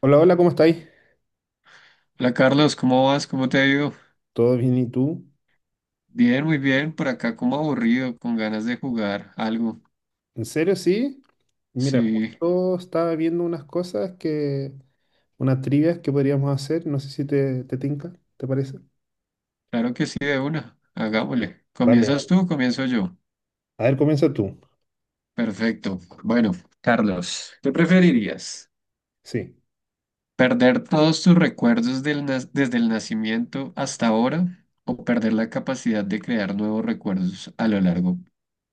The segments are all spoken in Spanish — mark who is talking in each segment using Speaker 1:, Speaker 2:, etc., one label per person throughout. Speaker 1: Hola, hola, ¿cómo estáis?
Speaker 2: Hola Carlos, ¿cómo vas? ¿Cómo te ha ido?
Speaker 1: ¿Todo bien y tú?
Speaker 2: Bien, muy bien. Por acá como aburrido, con ganas de jugar algo.
Speaker 1: ¿En serio, sí? Mira,
Speaker 2: Sí,
Speaker 1: justo estaba viendo unas cosas que, unas trivias que podríamos hacer, no sé si te tinca, ¿te parece?
Speaker 2: claro que sí, de una. Hagámosle.
Speaker 1: Vale,
Speaker 2: ¿Comienzas
Speaker 1: vale.
Speaker 2: tú o comienzo yo?
Speaker 1: A ver, comienza tú.
Speaker 2: Perfecto. Bueno, Carlos, ¿qué preferirías?
Speaker 1: Sí.
Speaker 2: ¿Perder todos tus recuerdos desde el nacimiento hasta ahora o perder la capacidad de crear nuevos recuerdos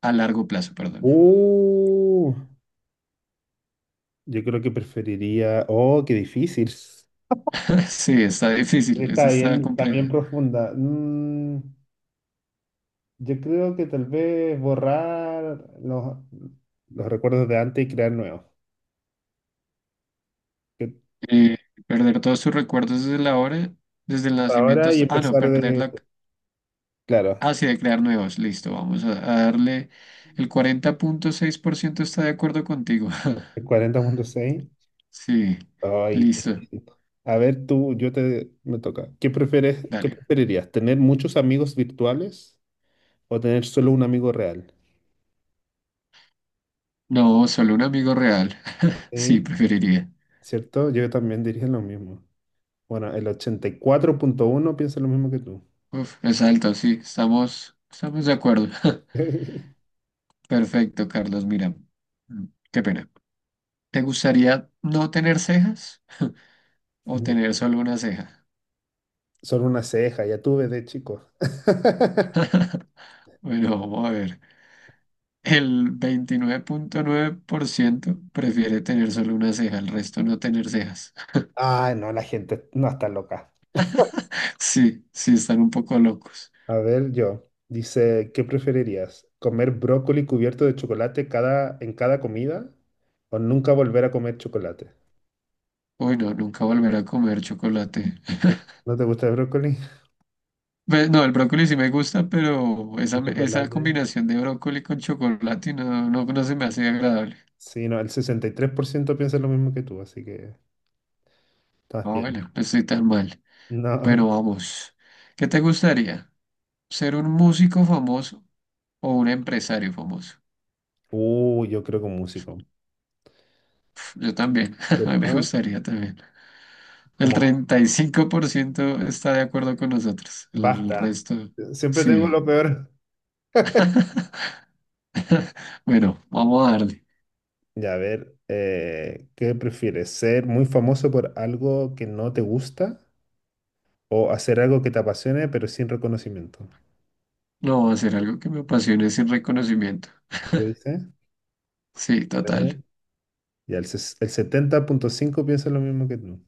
Speaker 2: a largo plazo, perdón?
Speaker 1: Uh, yo creo que preferiría. Oh, qué difícil.
Speaker 2: Sí, está difícil, eso está
Speaker 1: Está
Speaker 2: complejo.
Speaker 1: bien profunda. Yo creo que tal vez borrar los recuerdos de antes y crear nuevos. Que-
Speaker 2: Eh, perder todos tus recuerdos desde el nacimiento
Speaker 1: Ahora y
Speaker 2: hasta... Ah, no,
Speaker 1: empezar
Speaker 2: perder
Speaker 1: de.
Speaker 2: la...
Speaker 1: Claro,
Speaker 2: Ah, sí, de crear nuevos. Listo, a darle... El 40.6% está de acuerdo contigo.
Speaker 1: 40.6.
Speaker 2: Sí,
Speaker 1: Ay, te
Speaker 2: listo.
Speaker 1: felicito. A ver, tú, me toca. Qué
Speaker 2: Dale.
Speaker 1: preferirías? ¿Tener muchos amigos virtuales o tener solo un amigo real?
Speaker 2: No, solo un amigo real. Sí,
Speaker 1: Sí,
Speaker 2: preferiría.
Speaker 1: ¿cierto? Yo también diría lo mismo. Bueno, el 84.1 piensa lo mismo que tú.
Speaker 2: Uf, es alto, sí. Estamos de acuerdo. Perfecto, Carlos. Mira, mm, qué pena. ¿Te gustaría no tener cejas o
Speaker 1: Ya.
Speaker 2: tener solo una ceja?
Speaker 1: Solo una ceja, ya tuve de chico.
Speaker 2: Bueno, vamos a ver. El 29.9% prefiere tener solo una ceja, el resto no tener cejas.
Speaker 1: ah, no, la gente no está loca.
Speaker 2: Sí, sí, están un poco locos.
Speaker 1: A ver, yo. Dice, ¿qué preferirías? ¿Comer brócoli cubierto de chocolate en cada comida? O nunca volver a comer chocolate.
Speaker 2: Uy, no, nunca volver a comer chocolate.
Speaker 1: ¿No te gusta el brócoli?
Speaker 2: No, el brócoli sí me gusta, pero
Speaker 1: Un
Speaker 2: esa
Speaker 1: chocolate.
Speaker 2: combinación de brócoli con chocolate no, no, no se me hace agradable.
Speaker 1: Sí, no, el 63% piensa lo mismo que tú, así que estás
Speaker 2: Ah,
Speaker 1: bien.
Speaker 2: bueno, no estoy tan mal.
Speaker 1: No.
Speaker 2: Bueno, vamos. ¿Qué te gustaría? ¿Ser un músico famoso o un empresario famoso?
Speaker 1: Yo creo que un músico.
Speaker 2: Yo también, me
Speaker 1: ¿Cierto?
Speaker 2: gustaría también. El
Speaker 1: Como,
Speaker 2: 35% está de acuerdo con nosotros. El
Speaker 1: basta.
Speaker 2: resto,
Speaker 1: Siempre tengo lo
Speaker 2: sí.
Speaker 1: peor.
Speaker 2: Bueno, vamos a darle.
Speaker 1: Ya, a ver, ¿qué prefieres? ¿Ser muy famoso por algo que no te gusta o hacer algo que te apasione pero sin reconocimiento?
Speaker 2: No, hacer algo que me apasione sin reconocimiento.
Speaker 1: ¿Lo dices?
Speaker 2: Sí,
Speaker 1: A ver.
Speaker 2: total.
Speaker 1: Ya, el 70.5 piensa lo mismo que tú.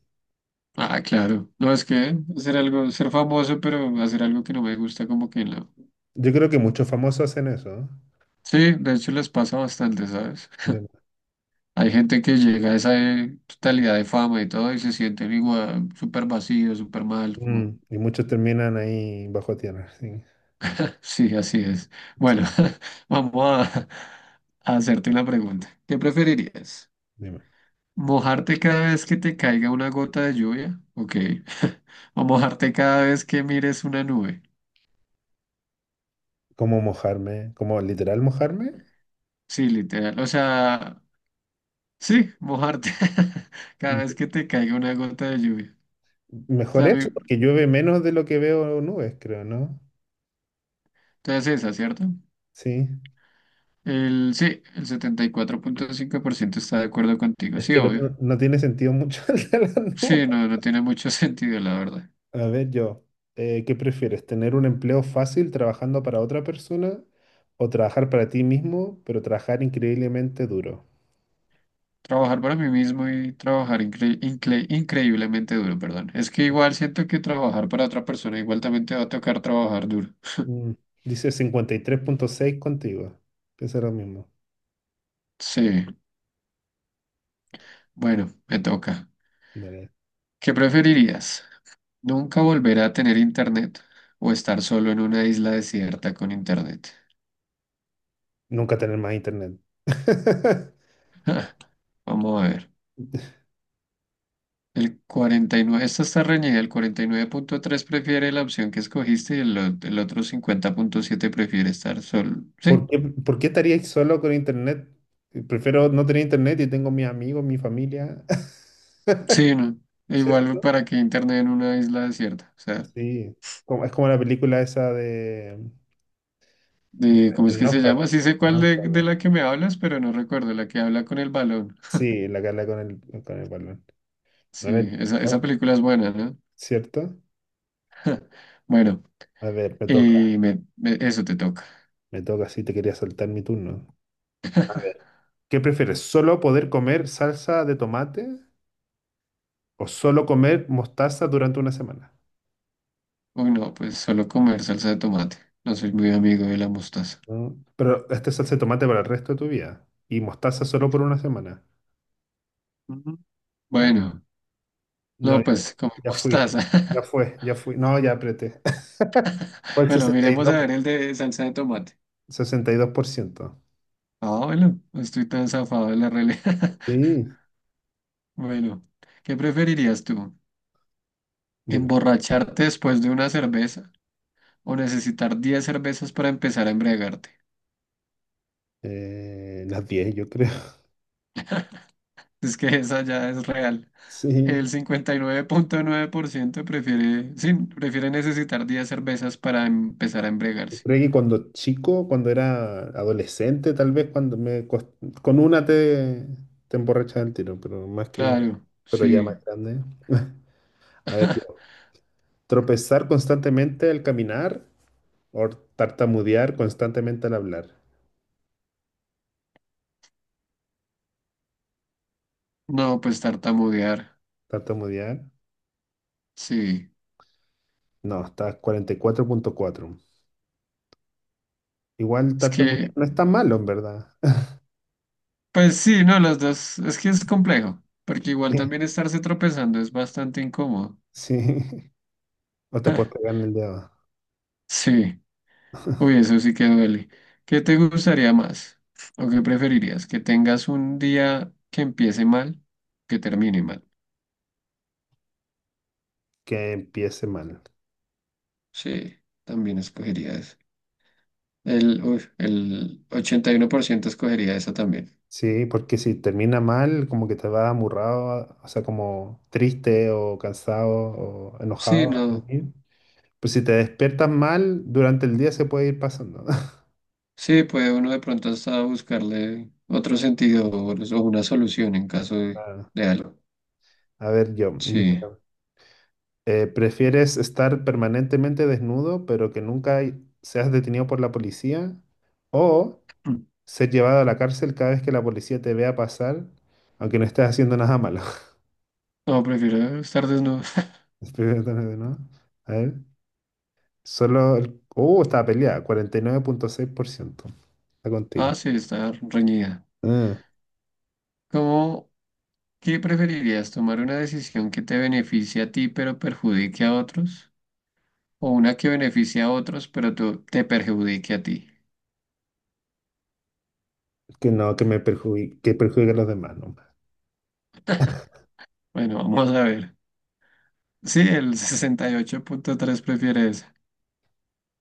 Speaker 2: Ah, claro. No, es que hacer algo, ser famoso, pero hacer algo que no me gusta, como que no.
Speaker 1: Yo creo que muchos famosos hacen eso, ¿no?
Speaker 2: Sí, de hecho les pasa bastante, ¿sabes?
Speaker 1: de-
Speaker 2: Hay gente que llega a esa totalidad de fama y todo y se sienten igual, súper vacío, súper mal,
Speaker 1: mm,
Speaker 2: como.
Speaker 1: y muchos terminan ahí bajo tierra. Sí,
Speaker 2: Sí, así es.
Speaker 1: sí,
Speaker 2: Bueno, vamos a, a hacerte una pregunta. ¿Qué preferirías?
Speaker 1: dime.
Speaker 2: ¿Mojarte cada vez que te caiga una gota de lluvia? Ok. ¿O mojarte cada vez que mires una nube?
Speaker 1: ¿Cómo mojarme? ¿Cómo literal mojarme?
Speaker 2: Sí, literal. O sea, sí, mojarte cada
Speaker 1: Mm,
Speaker 2: vez que te caiga una gota de lluvia. O
Speaker 1: Mejor
Speaker 2: sea, a
Speaker 1: eso,
Speaker 2: mí-
Speaker 1: porque llueve menos de lo que veo nubes, creo, ¿no?
Speaker 2: entonces esa, ¿cierto?
Speaker 1: Sí.
Speaker 2: Sí, el 74.5% está de acuerdo contigo.
Speaker 1: Es
Speaker 2: Sí,
Speaker 1: que el
Speaker 2: obvio.
Speaker 1: otro no tiene sentido mucho, el de las nubes.
Speaker 2: Sí, no, no tiene mucho sentido, la verdad.
Speaker 1: A ver, yo, ¿qué prefieres? ¿Tener un empleo fácil trabajando para otra persona o trabajar para ti mismo, pero trabajar increíblemente duro?
Speaker 2: Trabajar para mí mismo y trabajar increíblemente duro, perdón. Es que igual siento que trabajar para otra persona igual también te va a tocar trabajar duro.
Speaker 1: Mm, Dice 53.6 contigo. Piensa lo mismo.
Speaker 2: Sí, bueno, me toca.
Speaker 1: Dale.
Speaker 2: ¿Qué preferirías? ¿Nunca volver a tener internet o estar solo en una isla desierta con internet?
Speaker 1: Nunca tener más internet.
Speaker 2: Vamos a ver. El 49 Esta está reñida. El 49.3 prefiere la opción que escogiste y el otro 50.7 prefiere estar solo. Sí,
Speaker 1: Por qué estaríais solo con internet? Prefiero no tener internet y tengo mis amigos, mi familia.
Speaker 2: sí, no. Igual
Speaker 1: ¿Cierto?
Speaker 2: para que internet en una isla desierta. O sea,
Speaker 1: Sí. Es como la película esa de
Speaker 2: ¿cómo es
Speaker 1: El
Speaker 2: que se
Speaker 1: náufrago.
Speaker 2: llama? Sí sé
Speaker 1: El
Speaker 2: cuál de
Speaker 1: náufrago.
Speaker 2: la que me hablas, pero no recuerdo, la que habla con el balón.
Speaker 1: Sí, la cara con el balón. No
Speaker 2: Sí,
Speaker 1: le-
Speaker 2: esa película es buena, ¿no?
Speaker 1: ¿Cierto?
Speaker 2: Bueno,
Speaker 1: A ver, me toca.
Speaker 2: eso te toca.
Speaker 1: Me toca, sí, te quería saltar mi turno. A ver, ¿qué prefieres? ¿Solo poder comer salsa de tomate o solo comer mostaza durante una semana?
Speaker 2: Uy, no, pues solo comer salsa de tomate. No soy muy amigo de la mostaza.
Speaker 1: Pero esta es salsa de tomate para el resto de tu vida. Y mostaza solo por una semana.
Speaker 2: Ujú.
Speaker 1: Ah,
Speaker 2: Bueno,
Speaker 1: no,
Speaker 2: no,
Speaker 1: ya,
Speaker 2: pues comer
Speaker 1: ya fui.
Speaker 2: mostaza.
Speaker 1: Ya fue, ya fui. No, ya apreté. Fue el
Speaker 2: Bueno, miremos a ver el de salsa de tomate.
Speaker 1: sesenta y dos por ciento.
Speaker 2: Ah, bueno, no estoy tan zafado de la realidad.
Speaker 1: Sí,
Speaker 2: Bueno, ¿qué preferirías tú?
Speaker 1: dime.
Speaker 2: Emborracharte después de una cerveza o necesitar 10 cervezas para empezar a embriagarte.
Speaker 1: Las 10, yo creo.
Speaker 2: Es que esa ya es real.
Speaker 1: Sí.
Speaker 2: El cincuenta y nueve punto nueve por ciento prefiere, sí, prefiere necesitar 10 cervezas para empezar a
Speaker 1: Yo
Speaker 2: embriagarse.
Speaker 1: creo que cuando chico, cuando era adolescente, tal vez con una te emborrachas del tiro,
Speaker 2: Claro,
Speaker 1: pero ya
Speaker 2: sí.
Speaker 1: más grande. A ver, yo, tropezar constantemente al caminar or tartamudear constantemente al hablar.
Speaker 2: No, pues tartamudear.
Speaker 1: Tartamudear.
Speaker 2: Sí.
Speaker 1: No, está 44.4. Igual
Speaker 2: Es
Speaker 1: tartamudear
Speaker 2: que,
Speaker 1: no es tan malo, en verdad.
Speaker 2: pues sí, no, las dos. Es que es complejo, porque igual también estarse tropezando es bastante incómodo.
Speaker 1: Sí. O te puedes pegar en el dedo.
Speaker 2: Sí. Uy, eso sí que duele. ¿Qué te gustaría más? ¿O qué preferirías? ¿Que tengas un día que empiece mal, que termine mal?
Speaker 1: Que empiece mal.
Speaker 2: Sí, también escogería eso. El 81% escogería esa también.
Speaker 1: Sí, porque si termina mal, como que te vas amurrado, o sea, como triste o cansado o
Speaker 2: Sí,
Speaker 1: enojado a
Speaker 2: no.
Speaker 1: dormir. Pues si te despiertas mal, durante el día se puede ir pasando.
Speaker 2: Sí, puede uno de pronto hasta buscarle otro sentido o una solución en caso de,
Speaker 1: Ah,
Speaker 2: de algo.
Speaker 1: a ver, yo.
Speaker 2: Sí.
Speaker 1: ¿Prefieres estar permanentemente desnudo, pero que nunca hay- seas detenido por la policía? ¿O
Speaker 2: Mm.
Speaker 1: ser llevado a la cárcel cada vez que la policía te vea pasar, aunque no estés haciendo nada malo?
Speaker 2: No, prefiero estar desnudo.
Speaker 1: Espérate, ¿no? A ver, está peleada, 49.6%. Está contigo.
Speaker 2: Ah, sí, estar reñida.
Speaker 1: Ah,
Speaker 2: ¿Cómo? ¿Qué preferirías, tomar una decisión que te beneficie a ti pero perjudique a otros? ¿O una que beneficie a otros pero te perjudique a ti?
Speaker 1: que no, que me perjudique, que perjudique a los demás, no.
Speaker 2: Bueno, vamos a ver. Sí, el 68.3 prefiere esa.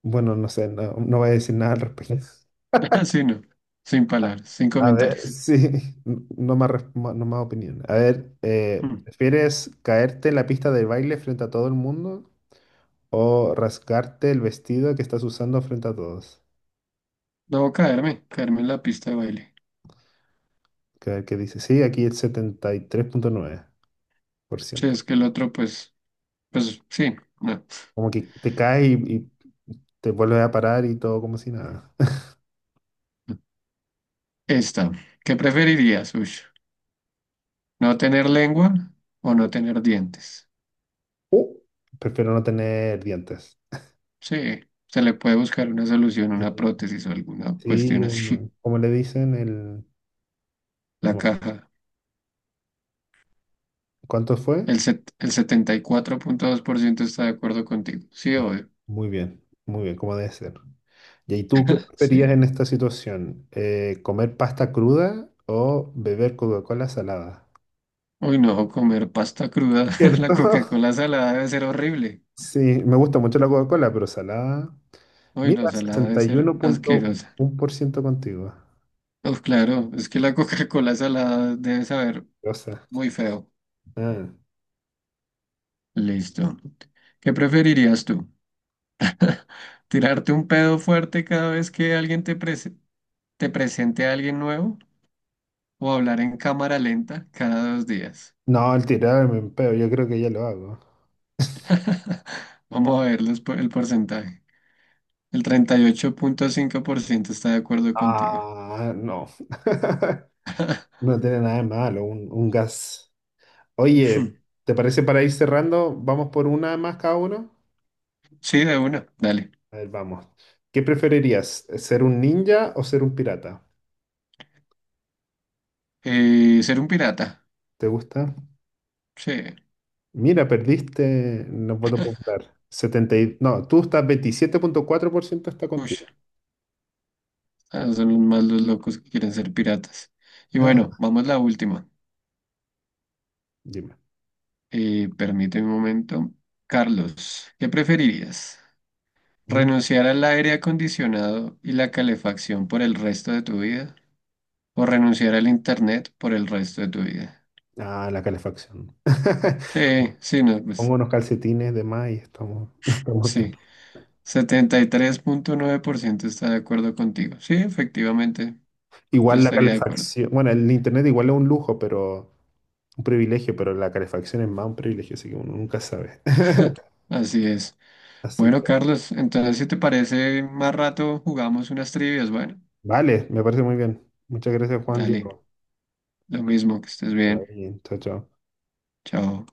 Speaker 1: Bueno, no sé, no, no voy a decir nada al respecto.
Speaker 2: Así no, sin palabras, sin
Speaker 1: A ver,
Speaker 2: comentarios.
Speaker 1: sí, no más opinión. A ver,
Speaker 2: Mm.
Speaker 1: ¿prefieres caerte en la pista de baile frente a todo el mundo o rasgarte el vestido que estás usando frente a todos?
Speaker 2: Debo caerme en la pista de baile.
Speaker 1: Que, a ver qué dice, sí, aquí el 73.9%.
Speaker 2: Si es que el otro, pues sí, no.
Speaker 1: Como que te caes y te vuelves a parar y todo como si nada.
Speaker 2: Esta, ¿qué preferirías, Ush? ¿No tener lengua o no tener dientes?
Speaker 1: Uh, Prefiero no tener dientes.
Speaker 2: Sí, se le puede buscar una solución, una
Speaker 1: Sí,
Speaker 2: prótesis o alguna
Speaker 1: sí,
Speaker 2: cuestión así.
Speaker 1: ¿cómo le dicen? El,
Speaker 2: La
Speaker 1: ¿cómo?
Speaker 2: caja.
Speaker 1: ¿Cuánto fue?
Speaker 2: El 74.2% está de acuerdo contigo. Sí, obvio.
Speaker 1: Muy bien, como debe ser. ¿Y ahí tú qué
Speaker 2: Sí.
Speaker 1: preferías en esta situación? ¿Comer pasta cruda o beber Coca-Cola salada?
Speaker 2: Uy, no, comer pasta cruda. La
Speaker 1: ¿Cierto?
Speaker 2: Coca-Cola salada debe ser horrible.
Speaker 1: Sí, me gusta mucho la Coca-Cola, pero salada.
Speaker 2: Uy, no,
Speaker 1: Mira,
Speaker 2: salada debe ser asquerosa.
Speaker 1: 61.1% contigo.
Speaker 2: Uf, claro, es que la Coca-Cola salada debe saber
Speaker 1: Rosa.
Speaker 2: muy feo.
Speaker 1: Ah.
Speaker 2: Listo. ¿Qué preferirías tú? ¿Tirarte un pedo fuerte cada vez que alguien te presente a alguien nuevo? ¿O hablar en cámara lenta cada 2 días?
Speaker 1: No, el tirarme en peo, yo creo que ya lo hago.
Speaker 2: Vamos a ver el porcentaje. El 38.5% está de acuerdo contigo.
Speaker 1: Ah, no. No tiene nada de malo, un gas. Oye, ¿te parece para ir cerrando? ¿Vamos por una más cada uno?
Speaker 2: Sí, de una, dale.
Speaker 1: A ver, vamos. ¿Qué preferirías? ¿Ser un ninja o ser un pirata?
Speaker 2: Ser un pirata.
Speaker 1: ¿Te gusta?
Speaker 2: Sí,
Speaker 1: Mira, perdiste. No los popular. No, tú estás 27.4% está
Speaker 2: uy,
Speaker 1: contigo.
Speaker 2: son más los locos que quieren ser piratas. Y bueno,
Speaker 1: Ah,
Speaker 2: vamos a la última.
Speaker 1: dime.
Speaker 2: Permíteme un momento. Carlos, ¿qué preferirías?
Speaker 1: Ujú.
Speaker 2: ¿Renunciar al aire acondicionado y la calefacción por el resto de tu vida? ¿O renunciar al internet por el resto de tu vida?
Speaker 1: Ah, la calefacción.
Speaker 2: Sí, sí, no,
Speaker 1: Pongo
Speaker 2: pues
Speaker 1: unos calcetines de más y estamos bien.
Speaker 2: sí. 73.9% está de acuerdo contigo. Sí, efectivamente, yo
Speaker 1: Igual la
Speaker 2: estaría de acuerdo.
Speaker 1: calefacción. Bueno, el internet igual es un lujo, pero un privilegio, pero la calefacción es más un privilegio, así que uno nunca sabe.
Speaker 2: Así es.
Speaker 1: Así
Speaker 2: Bueno,
Speaker 1: que,
Speaker 2: Carlos, entonces si te parece, más rato jugamos unas trivias. Bueno,
Speaker 1: vale, me parece muy bien. Muchas gracias, Juan
Speaker 2: dale,
Speaker 1: Diego.
Speaker 2: lo mismo, que estés
Speaker 1: Que vaya
Speaker 2: bien.
Speaker 1: bien. Chao, chao.
Speaker 2: Chao.